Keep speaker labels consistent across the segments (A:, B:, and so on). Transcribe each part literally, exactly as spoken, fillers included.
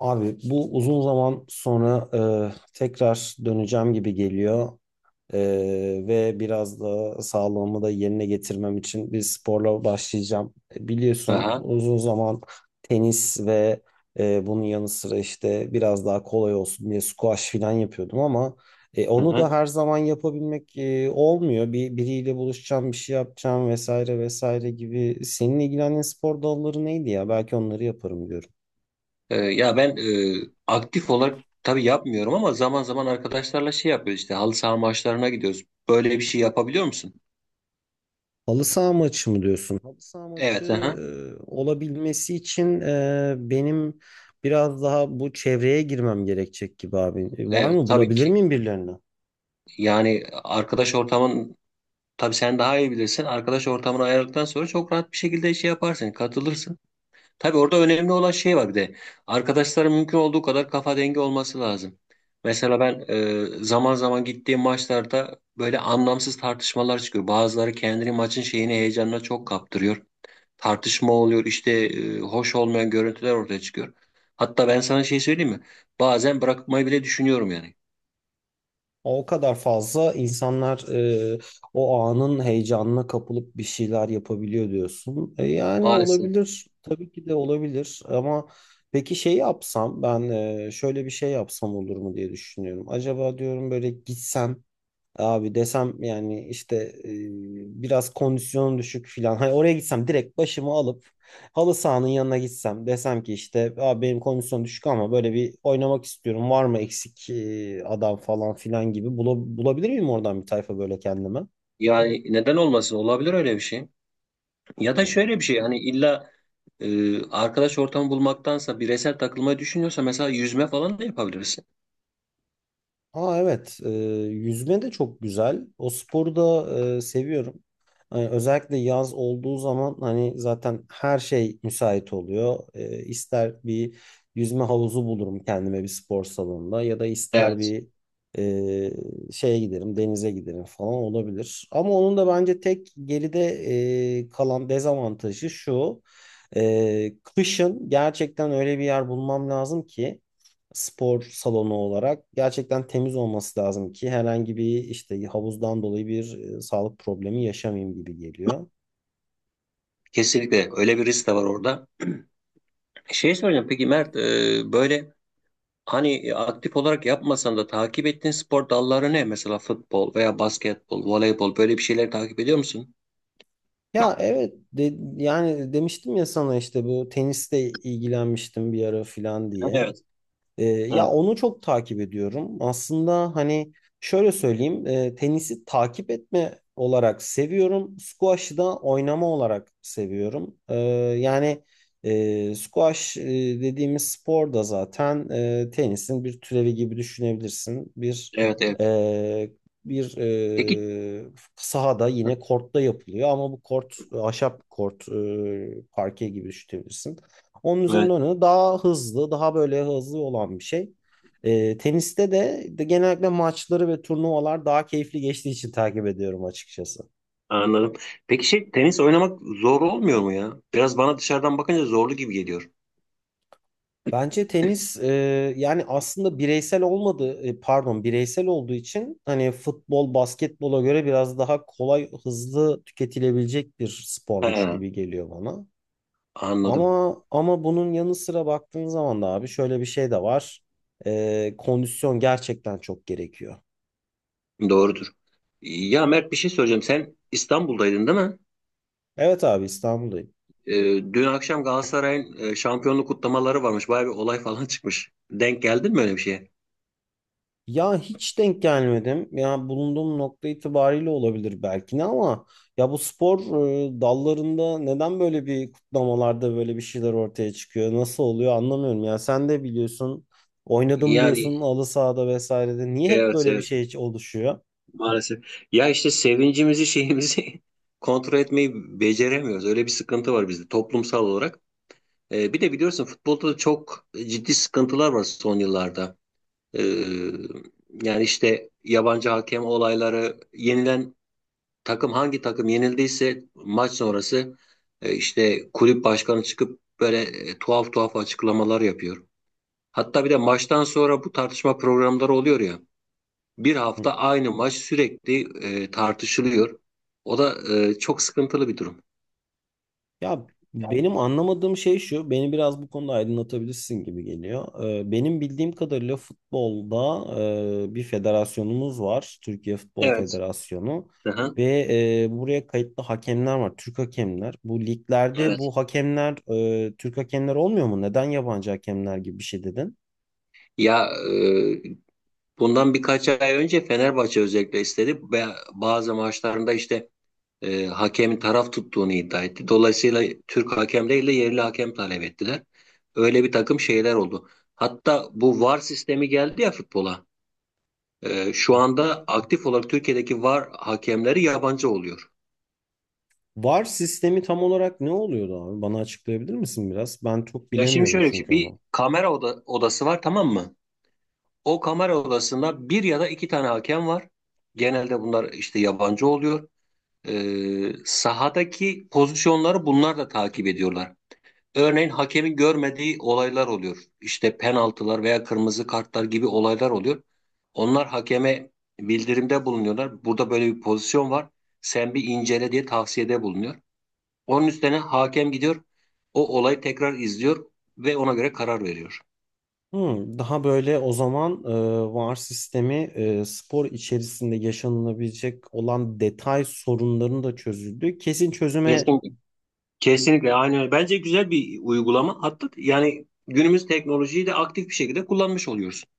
A: Abi bu uzun zaman sonra e, tekrar döneceğim gibi geliyor. E, Ve biraz da sağlığımı da yerine getirmem için bir sporla başlayacağım. E, Biliyorsun
B: Aha,
A: uzun zaman tenis ve e, bunun yanı sıra işte biraz daha kolay olsun diye squash falan yapıyordum ama e,
B: hı
A: onu da
B: hı.
A: her zaman yapabilmek e, olmuyor. Bir biriyle buluşacağım, bir şey yapacağım vesaire vesaire gibi. Senin ilgilendiğin spor dalları neydi ya? Belki onları yaparım diyorum.
B: Ee, ya ben e, aktif olarak tabii yapmıyorum ama zaman zaman arkadaşlarla şey yapıyoruz işte halı saha maçlarına gidiyoruz. Böyle bir şey yapabiliyor musun?
A: Halı saha maçı mı diyorsun? Halı saha maçı
B: Evet, aha.
A: e, olabilmesi için e, benim biraz daha bu çevreye girmem gerekecek gibi abi. E, var
B: Evet,
A: mı?
B: tabii
A: Bulabilir
B: ki.
A: miyim birilerini?
B: Yani arkadaş ortamın tabii sen daha iyi bilirsin. Arkadaş ortamını ayarladıktan sonra çok rahat bir şekilde şey yaparsın, katılırsın. Tabii orada önemli olan şey var bir de. Arkadaşların mümkün olduğu kadar kafa dengi olması lazım. Mesela ben e, zaman zaman gittiğim maçlarda böyle anlamsız tartışmalar çıkıyor. Bazıları kendini maçın şeyini heyecanına çok kaptırıyor. Tartışma oluyor işte e, hoş olmayan görüntüler ortaya çıkıyor. Hatta ben sana şey söyleyeyim mi? Bazen bırakmayı bile düşünüyorum yani.
A: O kadar fazla insanlar e, o anın heyecanına kapılıp bir şeyler yapabiliyor diyorsun. E, yani
B: Maalesef.
A: olabilir. Tabii ki de olabilir. Ama peki şey yapsam ben e, şöyle bir şey yapsam olur mu diye düşünüyorum. Acaba diyorum böyle gitsem, abi desem yani işte e, biraz kondisyonum düşük filan. Hani oraya gitsem direkt başımı alıp halı sahanın yanına gitsem desem ki işte abi benim kondisyon düşük ama böyle bir oynamak istiyorum. Var mı eksik e, adam falan filan gibi. Bula- bulabilir miyim oradan bir tayfa böyle kendime?
B: Yani neden olmasın? Olabilir öyle bir şey. Ya da şöyle bir şey hani illa e, arkadaş ortamı bulmaktansa bireysel takılmayı düşünüyorsa mesela yüzme falan da yapabilirsin.
A: Ha evet, e, yüzme de çok güzel. O sporu da e, seviyorum. Hani özellikle yaz olduğu zaman hani zaten her şey müsait oluyor. E, ister bir yüzme havuzu bulurum kendime bir spor salonunda ya da ister
B: Evet.
A: bir e, şeye giderim, denize giderim falan olabilir. Ama onun da bence tek geride e, kalan dezavantajı şu. E, kışın gerçekten öyle bir yer bulmam lazım ki spor salonu olarak gerçekten temiz olması lazım ki herhangi bir işte havuzdan dolayı bir e, sağlık problemi yaşamayayım gibi geliyor.
B: Kesinlikle öyle bir risk de var orada. Şey soracağım peki Mert, e, böyle hani e, aktif olarak yapmasan da takip ettiğin spor dalları ne? Mesela futbol veya basketbol, voleybol böyle bir şeyler takip ediyor musun?
A: Ya evet de- yani demiştim ya sana işte bu teniste ilgilenmiştim bir ara filan diye.
B: Evet.
A: Ee, ya
B: Evet.
A: onu çok takip ediyorum. Aslında hani şöyle söyleyeyim, e, tenisi takip etme olarak seviyorum. Squash'ı da oynama olarak seviyorum. Ee, yani e, squash e, dediğimiz spor da zaten e, tenisin bir türevi gibi düşünebilirsin. Bir
B: Evet. Evet.
A: e, bir
B: Peki
A: e, sahada yine kortta yapılıyor ama bu kort e, ahşap kort e, parke gibi düşünebilirsin. Onun üzerine
B: evet,
A: oynadı. Daha hızlı, daha böyle hızlı olan bir şey. Ee, teniste de, de genellikle maçları ve turnuvalar daha keyifli geçtiği için takip ediyorum açıkçası.
B: anladım. Peki şey tenis oynamak zor olmuyor mu ya? Biraz bana dışarıdan bakınca zorlu gibi geliyor.
A: Bence tenis e, yani aslında bireysel olmadı e, pardon bireysel olduğu için hani futbol, basketbola göre biraz daha kolay, hızlı tüketilebilecek bir spormuş
B: Ha.
A: gibi geliyor bana.
B: Anladım.
A: Ama ama bunun yanı sıra baktığın zaman da abi şöyle bir şey de var. Ee, kondisyon gerçekten çok gerekiyor.
B: Doğrudur. Ya Mert, bir şey söyleyeceğim. Sen İstanbul'daydın değil mi?
A: Evet abi İstanbul'dayım.
B: Ee, dün akşam Galatasaray'ın e, şampiyonluk kutlamaları varmış. Bayağı bir olay falan çıkmış. Denk geldin mi öyle bir şeye?
A: Ya hiç denk gelmedim. Ya bulunduğum nokta itibariyle olabilir belki ne ama ya bu spor e, dallarında neden böyle bir kutlamalarda böyle bir şeyler ortaya çıkıyor? Nasıl oluyor anlamıyorum. Ya sen de biliyorsun oynadım
B: Yani
A: diyorsun halı sahada vesairede. Niye hep
B: evet,
A: böyle bir
B: evet,
A: şey oluşuyor?
B: maalesef. Ya işte sevincimizi şeyimizi kontrol etmeyi beceremiyoruz. Öyle bir sıkıntı var bizde toplumsal olarak. Ee, bir de biliyorsun futbolda da çok ciddi sıkıntılar var son yıllarda. Ee, yani işte yabancı hakem olayları, yenilen takım, hangi takım yenildiyse maç sonrası e, işte kulüp başkanı çıkıp böyle e, tuhaf tuhaf açıklamalar yapıyor. Hatta bir de maçtan sonra bu tartışma programları oluyor ya. Bir hafta aynı maç sürekli e, tartışılıyor. O da e, çok sıkıntılı bir durum.
A: Ya benim anlamadığım şey şu, beni biraz bu konuda aydınlatabilirsin gibi geliyor. Ee, benim bildiğim kadarıyla futbolda e, bir federasyonumuz var, Türkiye Futbol
B: Evet.
A: Federasyonu
B: Aha,
A: ve e, buraya kayıtlı hakemler var, Türk hakemler. Bu liglerde
B: evet.
A: bu hakemler e, Türk hakemler olmuyor mu? Neden yabancı hakemler gibi bir şey dedin?
B: Ya e, bundan birkaç ay önce Fenerbahçe özellikle istedi ve bazı maçlarında işte e, hakemin taraf tuttuğunu iddia etti. Dolayısıyla Türk hakem değil yerli hakem talep ettiler. Öyle bir takım şeyler oldu. Hatta bu V A R sistemi geldi ya futbola. E, şu anda aktif olarak Türkiye'deki V A R hakemleri yabancı oluyor.
A: VAR sistemi tam olarak ne oluyordu abi? Bana açıklayabilir misin biraz? Ben çok
B: Ya şimdi
A: bilemiyorum
B: şöyle bir şey.
A: çünkü
B: Bir
A: onu.
B: kamera oda- odası var, tamam mı? O kamera odasında bir ya da iki tane hakem var. Genelde bunlar işte yabancı oluyor. E, sahadaki pozisyonları bunlar da takip ediyorlar. Örneğin hakemin görmediği olaylar oluyor. İşte penaltılar veya kırmızı kartlar gibi olaylar oluyor. Onlar hakeme bildirimde bulunuyorlar. Burada böyle bir pozisyon var. Sen bir incele diye tavsiyede bulunuyor. Onun üstüne hakem gidiyor. O olayı tekrar izliyor ve ona göre karar veriyor.
A: Hmm, daha böyle o zaman e, VAR sistemi e, spor içerisinde yaşanılabilecek olan detay sorunlarını da çözüldü. Kesin çözüme.
B: Kesinlikle. Kesinlikle aynen öyle. Bence güzel bir uygulama. Hatta yani günümüz teknolojiyi de aktif bir şekilde kullanmış oluyorsun.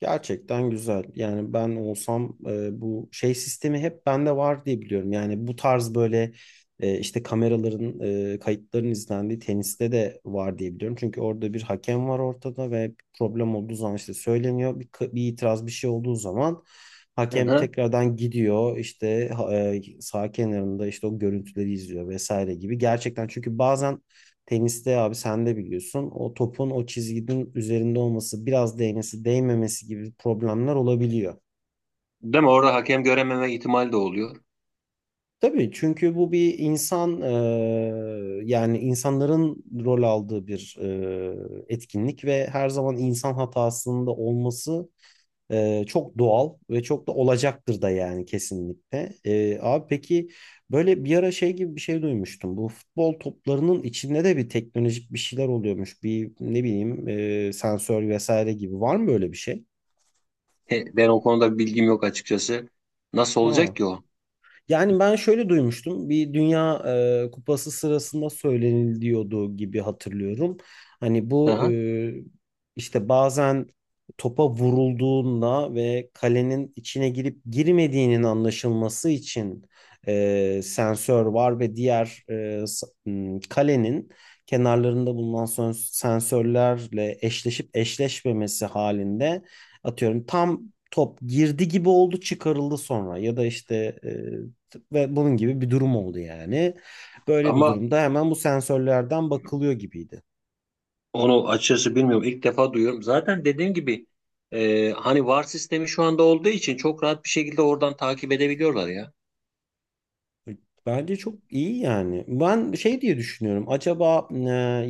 A: Gerçekten güzel. Yani ben olsam e, bu şey sistemi hep bende var diye biliyorum. Yani bu tarz böyle e, işte kameraların, e, kayıtların izlendiği teniste de var diye biliyorum. Çünkü orada bir hakem var ortada ve bir problem olduğu zaman işte söyleniyor. Bir, k- bir itiraz bir şey olduğu zaman
B: Hı
A: hakem
B: hı.
A: tekrardan gidiyor işte ha- e, sağ kenarında işte o görüntüleri izliyor vesaire gibi. Gerçekten çünkü bazen teniste abi sen de biliyorsun o topun o çizginin üzerinde olması biraz değmesi değmemesi gibi problemler olabiliyor.
B: Değil mi? Orada hakem görememe ihtimali de oluyor.
A: Tabii çünkü bu bir insan eee, yani insanların rol aldığı bir eee, etkinlik ve her zaman insan hatasında olması. Ee, çok doğal ve çok da olacaktır da yani kesinlikle. Ee, abi peki böyle bir ara şey gibi bir şey duymuştum. Bu futbol toplarının içinde de bir teknolojik bir şeyler oluyormuş. Bir ne bileyim e, sensör vesaire gibi. Var mı böyle bir şey?
B: He, ben o konuda bilgim yok açıkçası. Nasıl
A: Aa.
B: olacak ki o?
A: Yani ben şöyle duymuştum. Bir Dünya e, Kupası sırasında söyleniliyordu gibi hatırlıyorum. Hani bu
B: Aha.
A: e, işte bazen topa vurulduğunda ve kalenin içine girip girmediğinin anlaşılması için e, sensör var ve diğer e, s- m, kalenin kenarlarında bulunan sön- sensörlerle eşleşip eşleşmemesi halinde, atıyorum, tam top girdi gibi oldu çıkarıldı sonra ya da işte ve bunun gibi bir durum oldu yani. Böyle bir
B: Ama
A: durumda hemen bu sensörlerden bakılıyor gibiydi.
B: onu açıkçası bilmiyorum. İlk defa duyuyorum. Zaten dediğim gibi e, hani V A R sistemi şu anda olduğu için çok rahat bir şekilde oradan takip edebiliyorlar ya.
A: Bence çok iyi yani. Ben şey diye düşünüyorum. Acaba e,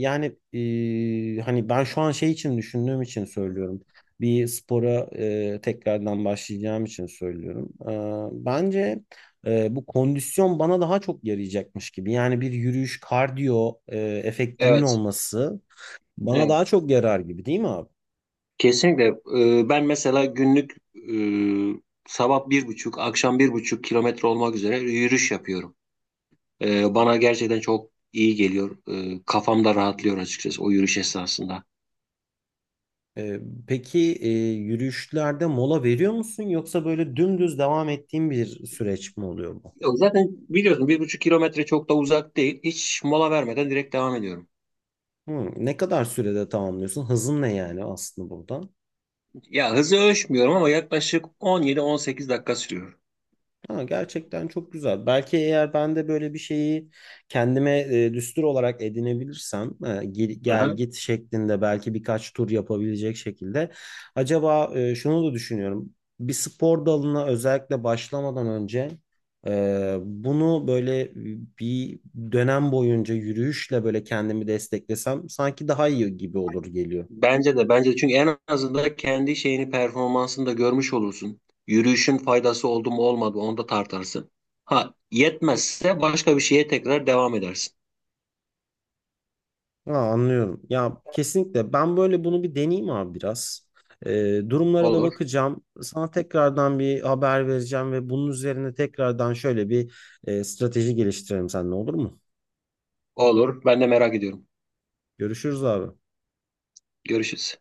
A: yani e, hani ben şu an şey için düşündüğüm için söylüyorum. Bir spora e, tekrardan başlayacağım için söylüyorum. E, bence e, bu kondisyon bana daha çok yarayacakmış gibi. Yani bir yürüyüş kardiyo e, efektinin
B: Evet.
A: olması bana
B: Evet.
A: daha çok yarar gibi değil mi abi?
B: Kesinlikle. E, ben mesela günlük, e, sabah bir buçuk, akşam bir buçuk kilometre olmak üzere yürüyüş yapıyorum. E, bana gerçekten çok iyi geliyor. E, kafam da rahatlıyor açıkçası o yürüyüş esnasında.
A: Ee, peki e, yürüyüşlerde mola veriyor musun yoksa böyle dümdüz devam ettiğin bir süreç mi oluyor bu?
B: Yok, zaten biliyorsun bir buçuk kilometre çok da uzak değil. Hiç mola vermeden direkt devam ediyorum.
A: Hmm, ne kadar sürede tamamlıyorsun? Hızın ne yani aslında burada?
B: Ya hızı ölçmüyorum ama yaklaşık on yedi on sekiz dakika sürüyor.
A: Ha, gerçekten çok güzel. Belki eğer ben de böyle bir şeyi kendime e, düstur olarak edinebilirsem e, gel, gel
B: Aha.
A: git şeklinde belki birkaç tur yapabilecek şekilde. Acaba e, şunu da düşünüyorum. Bir spor dalına özellikle başlamadan önce e, bunu böyle bir dönem boyunca yürüyüşle böyle kendimi desteklesem sanki daha iyi gibi olur geliyor.
B: Bence de, bence de çünkü en azından kendi şeyini performansını da görmüş olursun. Yürüyüşün faydası oldu mu olmadı mı onu da tartarsın. Ha, yetmezse başka bir şeye tekrar devam edersin.
A: Ha, anlıyorum. Ya kesinlikle ben böyle bunu bir deneyeyim abi biraz. Ee, durumlara da
B: Olur.
A: bakacağım. Sana tekrardan bir haber vereceğim ve bunun üzerine tekrardan şöyle bir e, strateji geliştirelim seninle olur mu?
B: Olur. Ben de merak ediyorum.
A: Görüşürüz abi.
B: Görüşürüz.